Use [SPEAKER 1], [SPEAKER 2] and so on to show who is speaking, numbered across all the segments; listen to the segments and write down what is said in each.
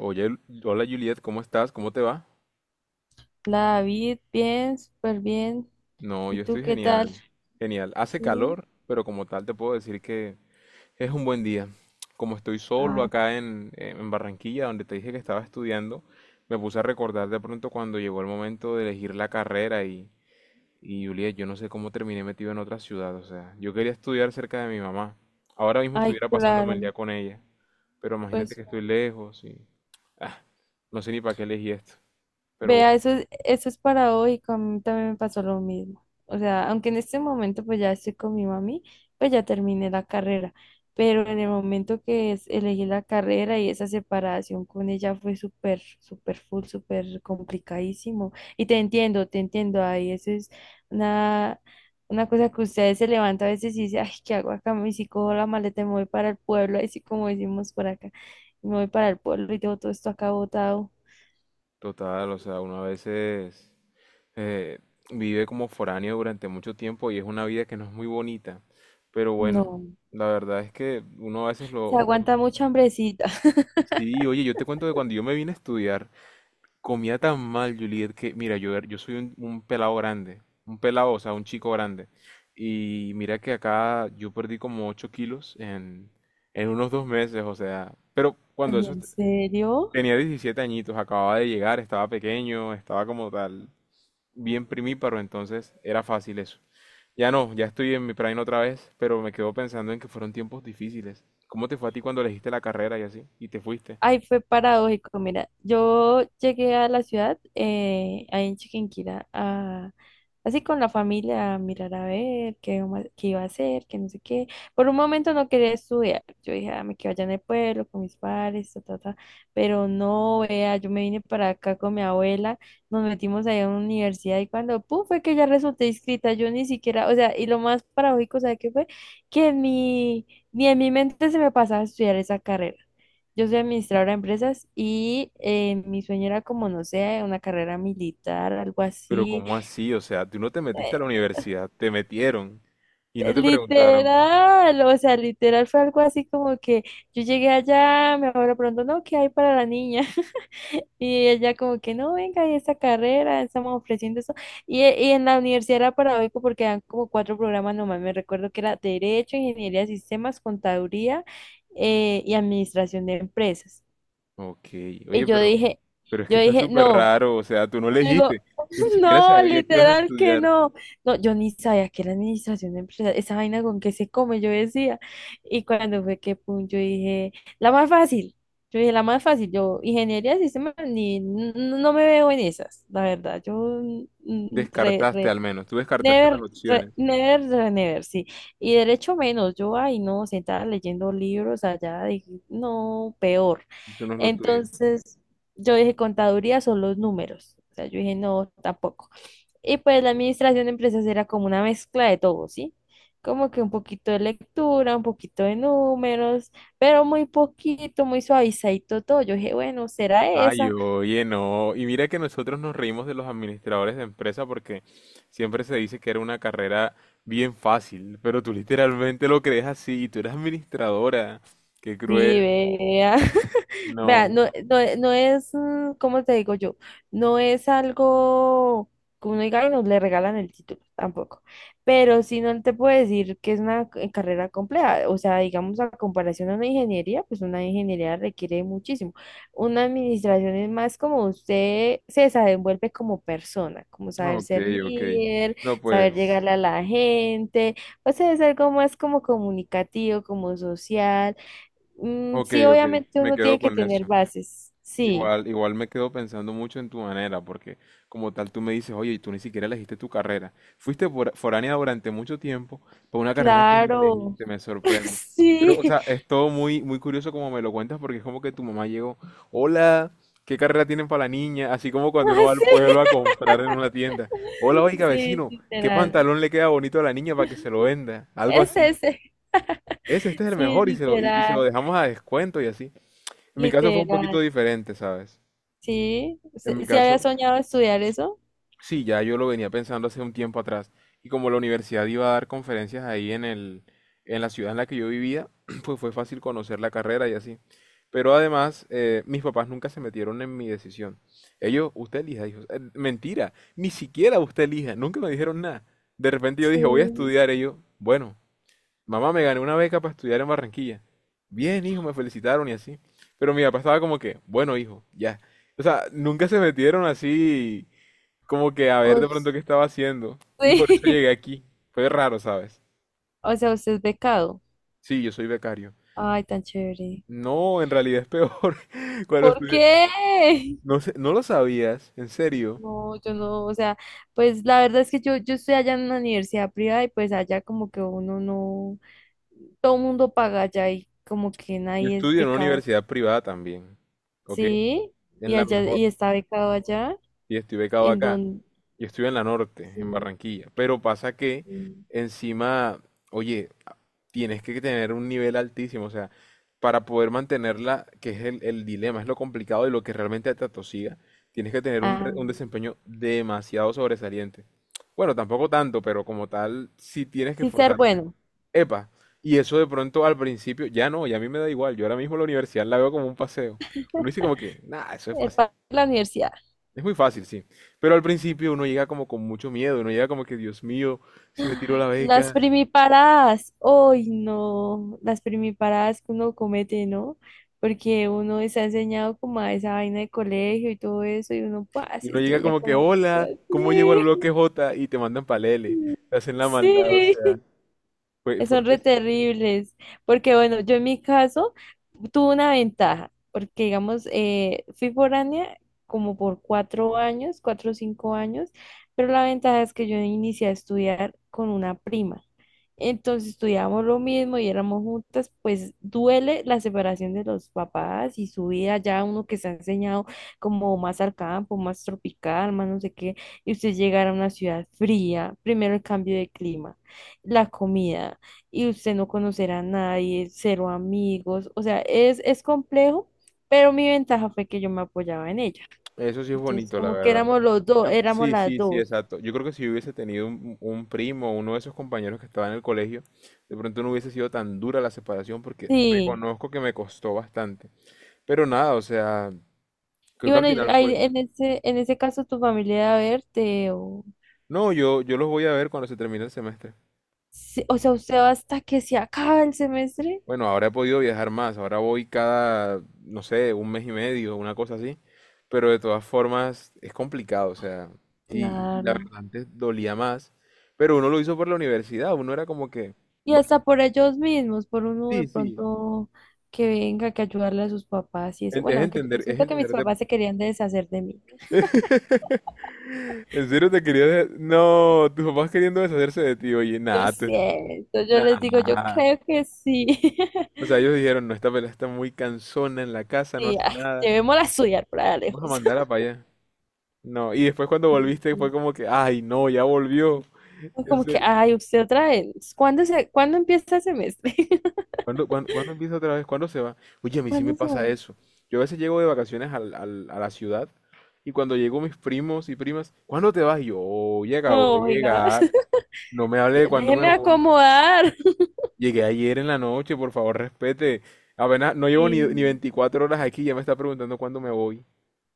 [SPEAKER 1] Oye, hola Juliet, ¿cómo estás? ¿Cómo te va?
[SPEAKER 2] Hola David, bien, súper bien.
[SPEAKER 1] No,
[SPEAKER 2] ¿Y
[SPEAKER 1] yo
[SPEAKER 2] tú
[SPEAKER 1] estoy
[SPEAKER 2] qué tal?
[SPEAKER 1] genial. Genial. Hace
[SPEAKER 2] Sí.
[SPEAKER 1] calor, pero como tal te puedo decir que es un buen día. Como estoy solo
[SPEAKER 2] Ah,
[SPEAKER 1] acá en Barranquilla, donde te dije que estaba estudiando, me puse a recordar de pronto cuando llegó el momento de elegir la carrera y Juliet, yo no sé cómo terminé metido en otra ciudad. O sea, yo quería estudiar cerca de mi mamá. Ahora mismo
[SPEAKER 2] ay,
[SPEAKER 1] estuviera pasándome el
[SPEAKER 2] claro.
[SPEAKER 1] día con ella, pero imagínate
[SPEAKER 2] Pues
[SPEAKER 1] que estoy lejos y ah, no sé ni para qué elegí esto. Pero
[SPEAKER 2] vea,
[SPEAKER 1] bueno.
[SPEAKER 2] eso es paradójico, a mí también me pasó lo mismo. O sea, aunque en este momento pues ya estoy con mi mami, pues ya terminé la carrera, pero en el momento que elegí la carrera y esa separación con ella fue súper, súper full, súper complicadísimo. Y te entiendo, ahí eso es una, una cosa que ustedes se levantan a veces y dicen, ay, ¿qué hago acá? Y si cojo la maleta y me voy para el pueblo, así como decimos por acá, me voy para el pueblo y tengo todo esto acá botado.
[SPEAKER 1] Total, o sea, uno a veces eh, vive como foráneo durante mucho tiempo y es una vida que no es muy bonita. Pero bueno,
[SPEAKER 2] No.
[SPEAKER 1] la verdad es que uno a veces
[SPEAKER 2] Se aguanta mucha hambrecita.
[SPEAKER 1] Sí, oye, yo te cuento que cuando yo me vine a estudiar, comía tan mal, Juliet, que mira, yo, era- yo soy un pelado grande, un pelado, o sea, un chico grande. Y mira que acá yo perdí como 8 kilos en unos 2 meses, o sea, pero cuando
[SPEAKER 2] Ay,
[SPEAKER 1] eso
[SPEAKER 2] ¿en
[SPEAKER 1] est-
[SPEAKER 2] serio?
[SPEAKER 1] tenía 17 añitos, acababa de llegar, estaba pequeño, estaba como tal bien primíparo, entonces era fácil eso. Ya no, ya estoy en mi prime otra vez, pero me quedo pensando en que fueron tiempos difíciles. ¿Cómo te fue a ti cuando elegiste la carrera y así? Y te fuiste.
[SPEAKER 2] Ay, fue paradójico. Mira, yo llegué a la ciudad, ahí en Chiquinquirá, así con la familia, a mirar a ver qué, vamos qué iba a hacer, qué no sé qué. Por un momento no quería estudiar. Yo dije, ah, me quedo allá en el pueblo con mis padres, ta, ta, ta. Pero no, vea, yo me vine para acá con mi abuela, nos metimos ahí a una universidad y cuando, pum, fue que ya resulté inscrita. Yo ni siquiera, o sea, y lo más paradójico, ¿sabe qué fue? Que en mi, Ni en mi mente se me pasaba estudiar esa carrera. Yo soy administradora de empresas y mi sueño era como, no sé, una carrera militar, algo
[SPEAKER 1] Pero
[SPEAKER 2] así.
[SPEAKER 1] ¿cómo así? O sea, tú no te metiste a
[SPEAKER 2] Eh,
[SPEAKER 1] la universidad, te metieron y no
[SPEAKER 2] eh,
[SPEAKER 1] te preguntaron.
[SPEAKER 2] literal, o sea, literal fue algo así como que yo llegué allá, me abuela pronto, no, ¿qué hay para la niña? Y ella como que, no, venga, hay esta carrera, estamos ofreciendo eso. Y en la universidad era paradójico porque dan como cuatro programas nomás, me recuerdo que era Derecho, Ingeniería de Sistemas, Contaduría, y Administración de Empresas.
[SPEAKER 1] Ok,
[SPEAKER 2] Y
[SPEAKER 1] oye,
[SPEAKER 2] yo dije...
[SPEAKER 1] pero es que
[SPEAKER 2] Yo
[SPEAKER 1] está
[SPEAKER 2] dije,
[SPEAKER 1] súper
[SPEAKER 2] no.
[SPEAKER 1] raro, o sea, tú no
[SPEAKER 2] Yo digo,
[SPEAKER 1] elegiste, tú ni siquiera
[SPEAKER 2] no,
[SPEAKER 1] sabías que ibas a
[SPEAKER 2] literal que
[SPEAKER 1] estudiar.
[SPEAKER 2] no. No, yo ni sabía que era administración empresarial. Esa vaina con que se come, yo decía. Y cuando fue que pum, yo dije, la más fácil. Yo dije, la más fácil. Yo, ingeniería de sistemas, ni, n- no me veo en esas, la verdad. Yo, re,
[SPEAKER 1] Descartaste
[SPEAKER 2] re.
[SPEAKER 1] al menos, tú descartaste las
[SPEAKER 2] Never,
[SPEAKER 1] opciones,
[SPEAKER 2] never, never, sí. Y derecho menos, yo, ay, no, sentada leyendo libros allá, dije, no, peor.
[SPEAKER 1] eso no es lo tuyo.
[SPEAKER 2] Entonces, yo dije, contaduría son los números. O sea, yo dije, no, tampoco. Y pues la administración de empresas era como una mezcla de todo, ¿sí? Como que un poquito de lectura, un poquito de números, pero muy poquito, muy suavizadito todo. Yo dije, bueno, será
[SPEAKER 1] Ay,
[SPEAKER 2] esa.
[SPEAKER 1] oye, no. Y mira que nosotros nos reímos de los administradores de empresa porque siempre se dice que era una carrera bien fácil, pero tú literalmente lo crees así y tú eres administradora. Qué
[SPEAKER 2] Sí,
[SPEAKER 1] cruel.
[SPEAKER 2] vea. Vea,
[SPEAKER 1] No.
[SPEAKER 2] no, no, no es, ¿cómo te digo yo? No es algo que uno diga y no le regalan el título, tampoco. Pero si no te puedo decir que es una carrera compleja. O sea, digamos, a comparación a una ingeniería, pues una ingeniería requiere muchísimo. Una administración es más como usted se desenvuelve como persona, como saber
[SPEAKER 1] Ok,
[SPEAKER 2] ser
[SPEAKER 1] ok.
[SPEAKER 2] líder,
[SPEAKER 1] No,
[SPEAKER 2] saber
[SPEAKER 1] pues.
[SPEAKER 2] llegarle a la gente. O sea, es algo más como comunicativo, como social. Mm,
[SPEAKER 1] Ok,
[SPEAKER 2] sí,
[SPEAKER 1] ok.
[SPEAKER 2] obviamente
[SPEAKER 1] Me
[SPEAKER 2] uno
[SPEAKER 1] quedo
[SPEAKER 2] tiene que
[SPEAKER 1] con
[SPEAKER 2] tener
[SPEAKER 1] eso.
[SPEAKER 2] bases. Sí,
[SPEAKER 1] Igual, igual me quedo pensando mucho en tu manera, porque como tal tú me dices, oye, y tú ni siquiera elegiste tu carrera. Fuiste fora- foránea durante mucho tiempo por una carrera que ni
[SPEAKER 2] claro.
[SPEAKER 1] elegiste, me sorprende. Pero, o
[SPEAKER 2] Sí,
[SPEAKER 1] sea, es todo muy, muy curioso como me lo cuentas, porque es como que tu mamá llegó, hola, ¿qué carrera tienen para la niña? Así como cuando uno va al
[SPEAKER 2] así.
[SPEAKER 1] pueblo a comprar en una tienda. Hola, oiga,
[SPEAKER 2] Sí,
[SPEAKER 1] vecino, ¿qué
[SPEAKER 2] literal.
[SPEAKER 1] pantalón le queda bonito a la niña para que se lo venda? Algo
[SPEAKER 2] Es
[SPEAKER 1] así.
[SPEAKER 2] ese.
[SPEAKER 1] Ese, este es el
[SPEAKER 2] Sí,
[SPEAKER 1] mejor y se lo, y se lo
[SPEAKER 2] literal.
[SPEAKER 1] dejamos a descuento y así. En mi caso fue un
[SPEAKER 2] Literal.
[SPEAKER 1] poquito diferente, ¿sabes?
[SPEAKER 2] Sí.
[SPEAKER 1] En
[SPEAKER 2] ¿Sí
[SPEAKER 1] mi
[SPEAKER 2] sí había
[SPEAKER 1] caso,
[SPEAKER 2] soñado estudiar eso?
[SPEAKER 1] sí, ya yo lo venía pensando hace un tiempo atrás. Y como la universidad iba a dar conferencias ahí en la ciudad en la que yo vivía, pues fue fácil conocer la carrera y así. Pero además, mis papás nunca se metieron en mi decisión. Ellos, usted elija, hijos. Mentira, ni siquiera usted elija, nunca me dijeron nada. De repente yo dije, voy a
[SPEAKER 2] Sí.
[SPEAKER 1] estudiar. Ellos, bueno, mamá, me gané una beca para estudiar en Barranquilla. Bien, hijo, me felicitaron y así. Pero mi papá estaba como que, bueno, hijo, ya. O sea, nunca se metieron así como que a ver
[SPEAKER 2] O,
[SPEAKER 1] de
[SPEAKER 2] sí.
[SPEAKER 1] pronto qué estaba haciendo. Y por eso llegué aquí. Fue raro, ¿sabes?
[SPEAKER 2] O sea, usted es becado.
[SPEAKER 1] Sí, yo soy becario.
[SPEAKER 2] Ay, tan chévere.
[SPEAKER 1] No, en realidad es peor. Cuando
[SPEAKER 2] ¿Por
[SPEAKER 1] estudié...
[SPEAKER 2] qué?
[SPEAKER 1] No sé, no lo sabías, en serio.
[SPEAKER 2] No, yo no, o sea, pues la verdad es que yo estoy allá en una universidad privada y pues allá como que uno no, todo el mundo paga allá y como que
[SPEAKER 1] Yo
[SPEAKER 2] nadie es
[SPEAKER 1] estudio en una
[SPEAKER 2] becado.
[SPEAKER 1] universidad privada también. ¿Ok?
[SPEAKER 2] Sí, y
[SPEAKER 1] En la
[SPEAKER 2] allá,
[SPEAKER 1] mejor.
[SPEAKER 2] y está becado allá,
[SPEAKER 1] Y estoy becado
[SPEAKER 2] en
[SPEAKER 1] acá.
[SPEAKER 2] donde
[SPEAKER 1] Yo estoy en la norte, en
[SPEAKER 2] sí,
[SPEAKER 1] Barranquilla, pero pasa que
[SPEAKER 2] sí.
[SPEAKER 1] encima, oye, a- tienes que tener un nivel altísimo, o sea, para poder mantenerla, que es el dilema, es lo complicado y lo que realmente te atosiga, tienes que tener un,
[SPEAKER 2] Ah,
[SPEAKER 1] re- un desempeño demasiado sobresaliente. Bueno, tampoco tanto, pero como tal, sí tienes que
[SPEAKER 2] sí ser
[SPEAKER 1] esforzarte.
[SPEAKER 2] bueno,
[SPEAKER 1] Epa, y eso de pronto al principio, ya no, ya a mí me da igual, yo ahora mismo la universidad la veo como un paseo. Uno dice como que, nada, eso es fácil.
[SPEAKER 2] para la universidad.
[SPEAKER 1] Es muy fácil, sí. Pero al principio uno llega como con mucho miedo, uno llega como que, Dios mío, si me tiro la
[SPEAKER 2] Las
[SPEAKER 1] beca,
[SPEAKER 2] primiparadas, hoy no, las primiparadas que uno comete, ¿no? Porque uno está enseñado como a esa vaina de colegio y todo eso, y uno pues,
[SPEAKER 1] y
[SPEAKER 2] se
[SPEAKER 1] uno llega
[SPEAKER 2] estrella
[SPEAKER 1] como
[SPEAKER 2] con
[SPEAKER 1] que,
[SPEAKER 2] la
[SPEAKER 1] hola, ¿cómo llego al
[SPEAKER 2] sociedad.
[SPEAKER 1] bloque J? Y te mandan palele, te hacen la maldad, o
[SPEAKER 2] Sí,
[SPEAKER 1] sea,
[SPEAKER 2] sí.
[SPEAKER 1] fue
[SPEAKER 2] Son
[SPEAKER 1] un
[SPEAKER 2] re
[SPEAKER 1] des-
[SPEAKER 2] terribles, porque bueno, yo en mi caso tuve una ventaja, porque digamos, fui foránea como por 4 años, 4 o 5 años, pero la ventaja es que yo inicié a estudiar con una prima. Entonces estudiábamos lo mismo y éramos juntas, pues duele la separación de los papás y su vida ya uno que se ha enseñado como más al campo, más tropical, más no sé qué, y usted llegar a una ciudad fría, primero el cambio de clima, la comida y usted no conocerá a nadie, cero amigos, o sea, es complejo, pero mi ventaja fue que yo me apoyaba en ella.
[SPEAKER 1] eso sí es
[SPEAKER 2] Entonces,
[SPEAKER 1] bonito, la
[SPEAKER 2] como que
[SPEAKER 1] verdad.
[SPEAKER 2] éramos los dos,
[SPEAKER 1] Yo,
[SPEAKER 2] éramos
[SPEAKER 1] sí,
[SPEAKER 2] las
[SPEAKER 1] sí, sí,
[SPEAKER 2] dos.
[SPEAKER 1] exacto. Yo creo que si yo hubiese tenido un primo, uno de esos compañeros que estaba en el colegio, de pronto no hubiese sido tan dura la separación porque
[SPEAKER 2] Sí.
[SPEAKER 1] reconozco que me costó bastante. Pero nada, o sea,
[SPEAKER 2] Y
[SPEAKER 1] creo que al
[SPEAKER 2] bueno, y
[SPEAKER 1] final
[SPEAKER 2] ahí
[SPEAKER 1] fue...
[SPEAKER 2] en ese caso tu familia va a verte o,
[SPEAKER 1] No, yo los voy a ver cuando se termine el semestre.
[SPEAKER 2] sí, o sea, usted va hasta que se acaba el semestre.
[SPEAKER 1] Bueno, ahora he podido viajar más, ahora voy cada, no sé, un mes y medio, una cosa así, pero de todas formas es complicado, o sea, y la
[SPEAKER 2] Claro.
[SPEAKER 1] verdad antes dolía más, pero uno lo hizo por la universidad, uno era como que,
[SPEAKER 2] Y
[SPEAKER 1] bueno,
[SPEAKER 2] hasta por ellos mismos, por uno de
[SPEAKER 1] sí, sí,
[SPEAKER 2] pronto que venga, que ayudarle a sus papás y eso.
[SPEAKER 1] en- es
[SPEAKER 2] Bueno, aunque yo
[SPEAKER 1] entender, es
[SPEAKER 2] siento que mis
[SPEAKER 1] entenderte.
[SPEAKER 2] papás se querían deshacer de mí.
[SPEAKER 1] ¿En serio te querías? De- No, tus papás queriendo deshacerse de ti, oye,
[SPEAKER 2] Yo
[SPEAKER 1] nada, tú, est-
[SPEAKER 2] siento, yo les digo, yo
[SPEAKER 1] nada.
[SPEAKER 2] creo que sí.
[SPEAKER 1] O sea, ellos dijeron, no, esta pelada está muy cansona en la casa, no
[SPEAKER 2] Sí,
[SPEAKER 1] hace
[SPEAKER 2] ay,
[SPEAKER 1] nada,
[SPEAKER 2] llevémosla a estudiar por allá
[SPEAKER 1] vamos a
[SPEAKER 2] lejos.
[SPEAKER 1] mandarla para allá. No, y después cuando volviste fue
[SPEAKER 2] Mm.
[SPEAKER 1] como que, ay, no, ya volvió.
[SPEAKER 2] Es
[SPEAKER 1] En
[SPEAKER 2] como que,
[SPEAKER 1] serio.
[SPEAKER 2] ay, usted otra vez. ¿Cuándo empieza el semestre?
[SPEAKER 1] ¿Cuándo, cuán- cuándo empieza otra vez? ¿Cuándo se va? Oye, a mí sí me
[SPEAKER 2] ¿Cuándo se
[SPEAKER 1] pasa
[SPEAKER 2] va?
[SPEAKER 1] eso. Yo a veces llego de vacaciones a la ciudad y cuando llego mis primos y primas, ¿cuándo te vas? Y yo, oye, acabo de
[SPEAKER 2] No, oiga,
[SPEAKER 1] llegar. No me hable de cuándo me
[SPEAKER 2] déjeme
[SPEAKER 1] voy.
[SPEAKER 2] acomodar.
[SPEAKER 1] Llegué ayer en la noche, por favor, respete. Apenas no llevo ni
[SPEAKER 2] Sí.
[SPEAKER 1] 24 horas aquí, ya me está preguntando cuándo me voy.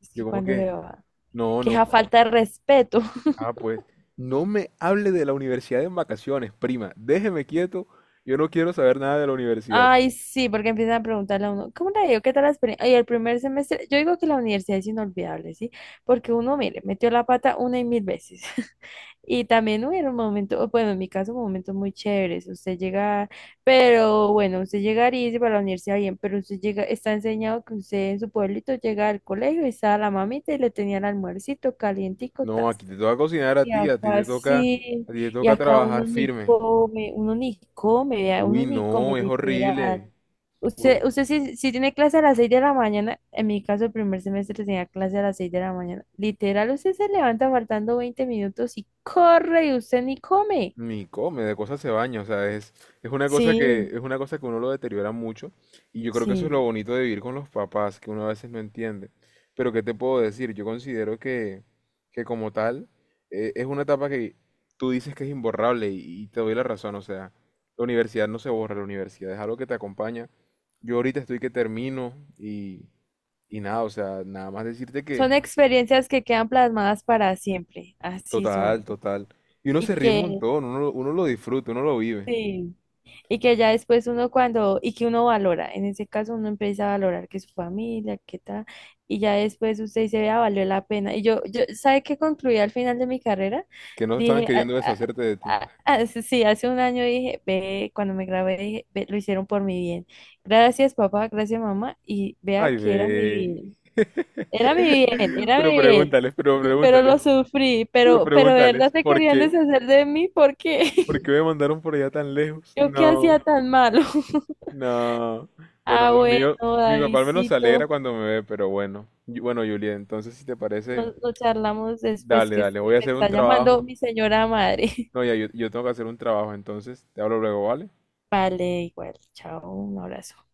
[SPEAKER 2] Es
[SPEAKER 1] Yo
[SPEAKER 2] que
[SPEAKER 1] como
[SPEAKER 2] cuando
[SPEAKER 1] que,
[SPEAKER 2] se va.
[SPEAKER 1] no,
[SPEAKER 2] Que
[SPEAKER 1] no,
[SPEAKER 2] esa falta de respeto.
[SPEAKER 1] ah, pues, no me hable de la universidad en vacaciones, prima. Déjeme quieto. Yo no quiero saber nada de la universidad.
[SPEAKER 2] Ay, sí, porque empiezan a preguntarle a uno, ¿cómo le digo? ¿Qué tal la experiencia? Ay, el primer semestre, yo digo que la universidad es inolvidable, ¿sí? Porque uno, mire, metió la pata una y mil veces. Y también hubieron momentos, o bueno, en mi caso, momentos muy chéveres. Usted llega, pero bueno, usted llegaría y dice para la universidad bien, pero usted llega, está enseñado que usted en su pueblito llega al colegio y estaba la mamita y le tenía el almuercito calientico,
[SPEAKER 1] No, aquí
[SPEAKER 2] tas.
[SPEAKER 1] te toca cocinar
[SPEAKER 2] Y
[SPEAKER 1] a ti te
[SPEAKER 2] acá
[SPEAKER 1] toca,
[SPEAKER 2] sí,
[SPEAKER 1] a ti te
[SPEAKER 2] y
[SPEAKER 1] toca
[SPEAKER 2] acá
[SPEAKER 1] trabajar firme.
[SPEAKER 2] uno ni come, vea, uno
[SPEAKER 1] Uy,
[SPEAKER 2] ni come,
[SPEAKER 1] no, es
[SPEAKER 2] literal.
[SPEAKER 1] horrible. Uno,
[SPEAKER 2] Usted si tiene clase a las 6 de la mañana, en mi caso el primer semestre tenía clase a las 6 de la mañana. Literal, usted se levanta faltando 20 minutos y corre y usted ni come.
[SPEAKER 1] ni come, de cosas se baña, o sea, es una cosa que,
[SPEAKER 2] Sí,
[SPEAKER 1] es una cosa que uno lo deteriora mucho, y yo creo que eso es lo
[SPEAKER 2] sí.
[SPEAKER 1] bonito de vivir con los papás, que uno a veces no entiende. Pero ¿qué te puedo decir? Yo considero que como tal, es una etapa que tú dices que es imborrable, y te doy la razón, o sea, la universidad no se borra, la universidad es algo que te acompaña. Yo ahorita estoy que termino, y nada, o sea, nada más decirte que
[SPEAKER 2] Son experiencias que quedan plasmadas para siempre. Así son.
[SPEAKER 1] total, total. Y uno
[SPEAKER 2] Y
[SPEAKER 1] se ríe un
[SPEAKER 2] que
[SPEAKER 1] montón, uno lo disfruta, uno lo vive.
[SPEAKER 2] sí. Y que ya después uno cuando, y que uno valora, en ese caso uno empieza a valorar que su familia, que tal, y ya después usted dice, vea, valió la pena. Y yo, ¿sabe qué concluí al final de mi carrera?
[SPEAKER 1] Que no estaban
[SPEAKER 2] Dije: "Ah,
[SPEAKER 1] queriendo
[SPEAKER 2] ah,
[SPEAKER 1] deshacerte de ti.
[SPEAKER 2] ah, ah", sí, hace un año dije, ve, cuando me grabé, dije: "Ve, lo hicieron por mi bien. Gracias, papá, gracias, mamá, y vea
[SPEAKER 1] Ay,
[SPEAKER 2] que era mi
[SPEAKER 1] ve.
[SPEAKER 2] bien, era mi bien, era
[SPEAKER 1] Pero
[SPEAKER 2] mi bien".
[SPEAKER 1] pregúntales, pero
[SPEAKER 2] Pero
[SPEAKER 1] pregúntales,
[SPEAKER 2] lo sufrí,
[SPEAKER 1] pero
[SPEAKER 2] pero de verdad
[SPEAKER 1] pregúntales.
[SPEAKER 2] se
[SPEAKER 1] ¿Por
[SPEAKER 2] querían
[SPEAKER 1] qué?
[SPEAKER 2] deshacer de mí porque
[SPEAKER 1] ¿Por qué me mandaron por allá tan lejos?
[SPEAKER 2] yo qué
[SPEAKER 1] No,
[SPEAKER 2] hacía tan malo.
[SPEAKER 1] no. Bueno,
[SPEAKER 2] Ah,
[SPEAKER 1] los míos,
[SPEAKER 2] bueno,
[SPEAKER 1] mi papá al menos se alegra
[SPEAKER 2] Davidcito,
[SPEAKER 1] cuando me ve, pero bueno. Y- bueno, Julia, entonces si te parece,
[SPEAKER 2] nos charlamos después
[SPEAKER 1] dale,
[SPEAKER 2] que es
[SPEAKER 1] dale, voy
[SPEAKER 2] que
[SPEAKER 1] a
[SPEAKER 2] me
[SPEAKER 1] hacer un
[SPEAKER 2] está llamando
[SPEAKER 1] trabajo.
[SPEAKER 2] mi señora madre.
[SPEAKER 1] No, ya, yo tengo que hacer un trabajo, entonces te hablo luego, ¿vale?
[SPEAKER 2] Vale, igual, chao, un abrazo.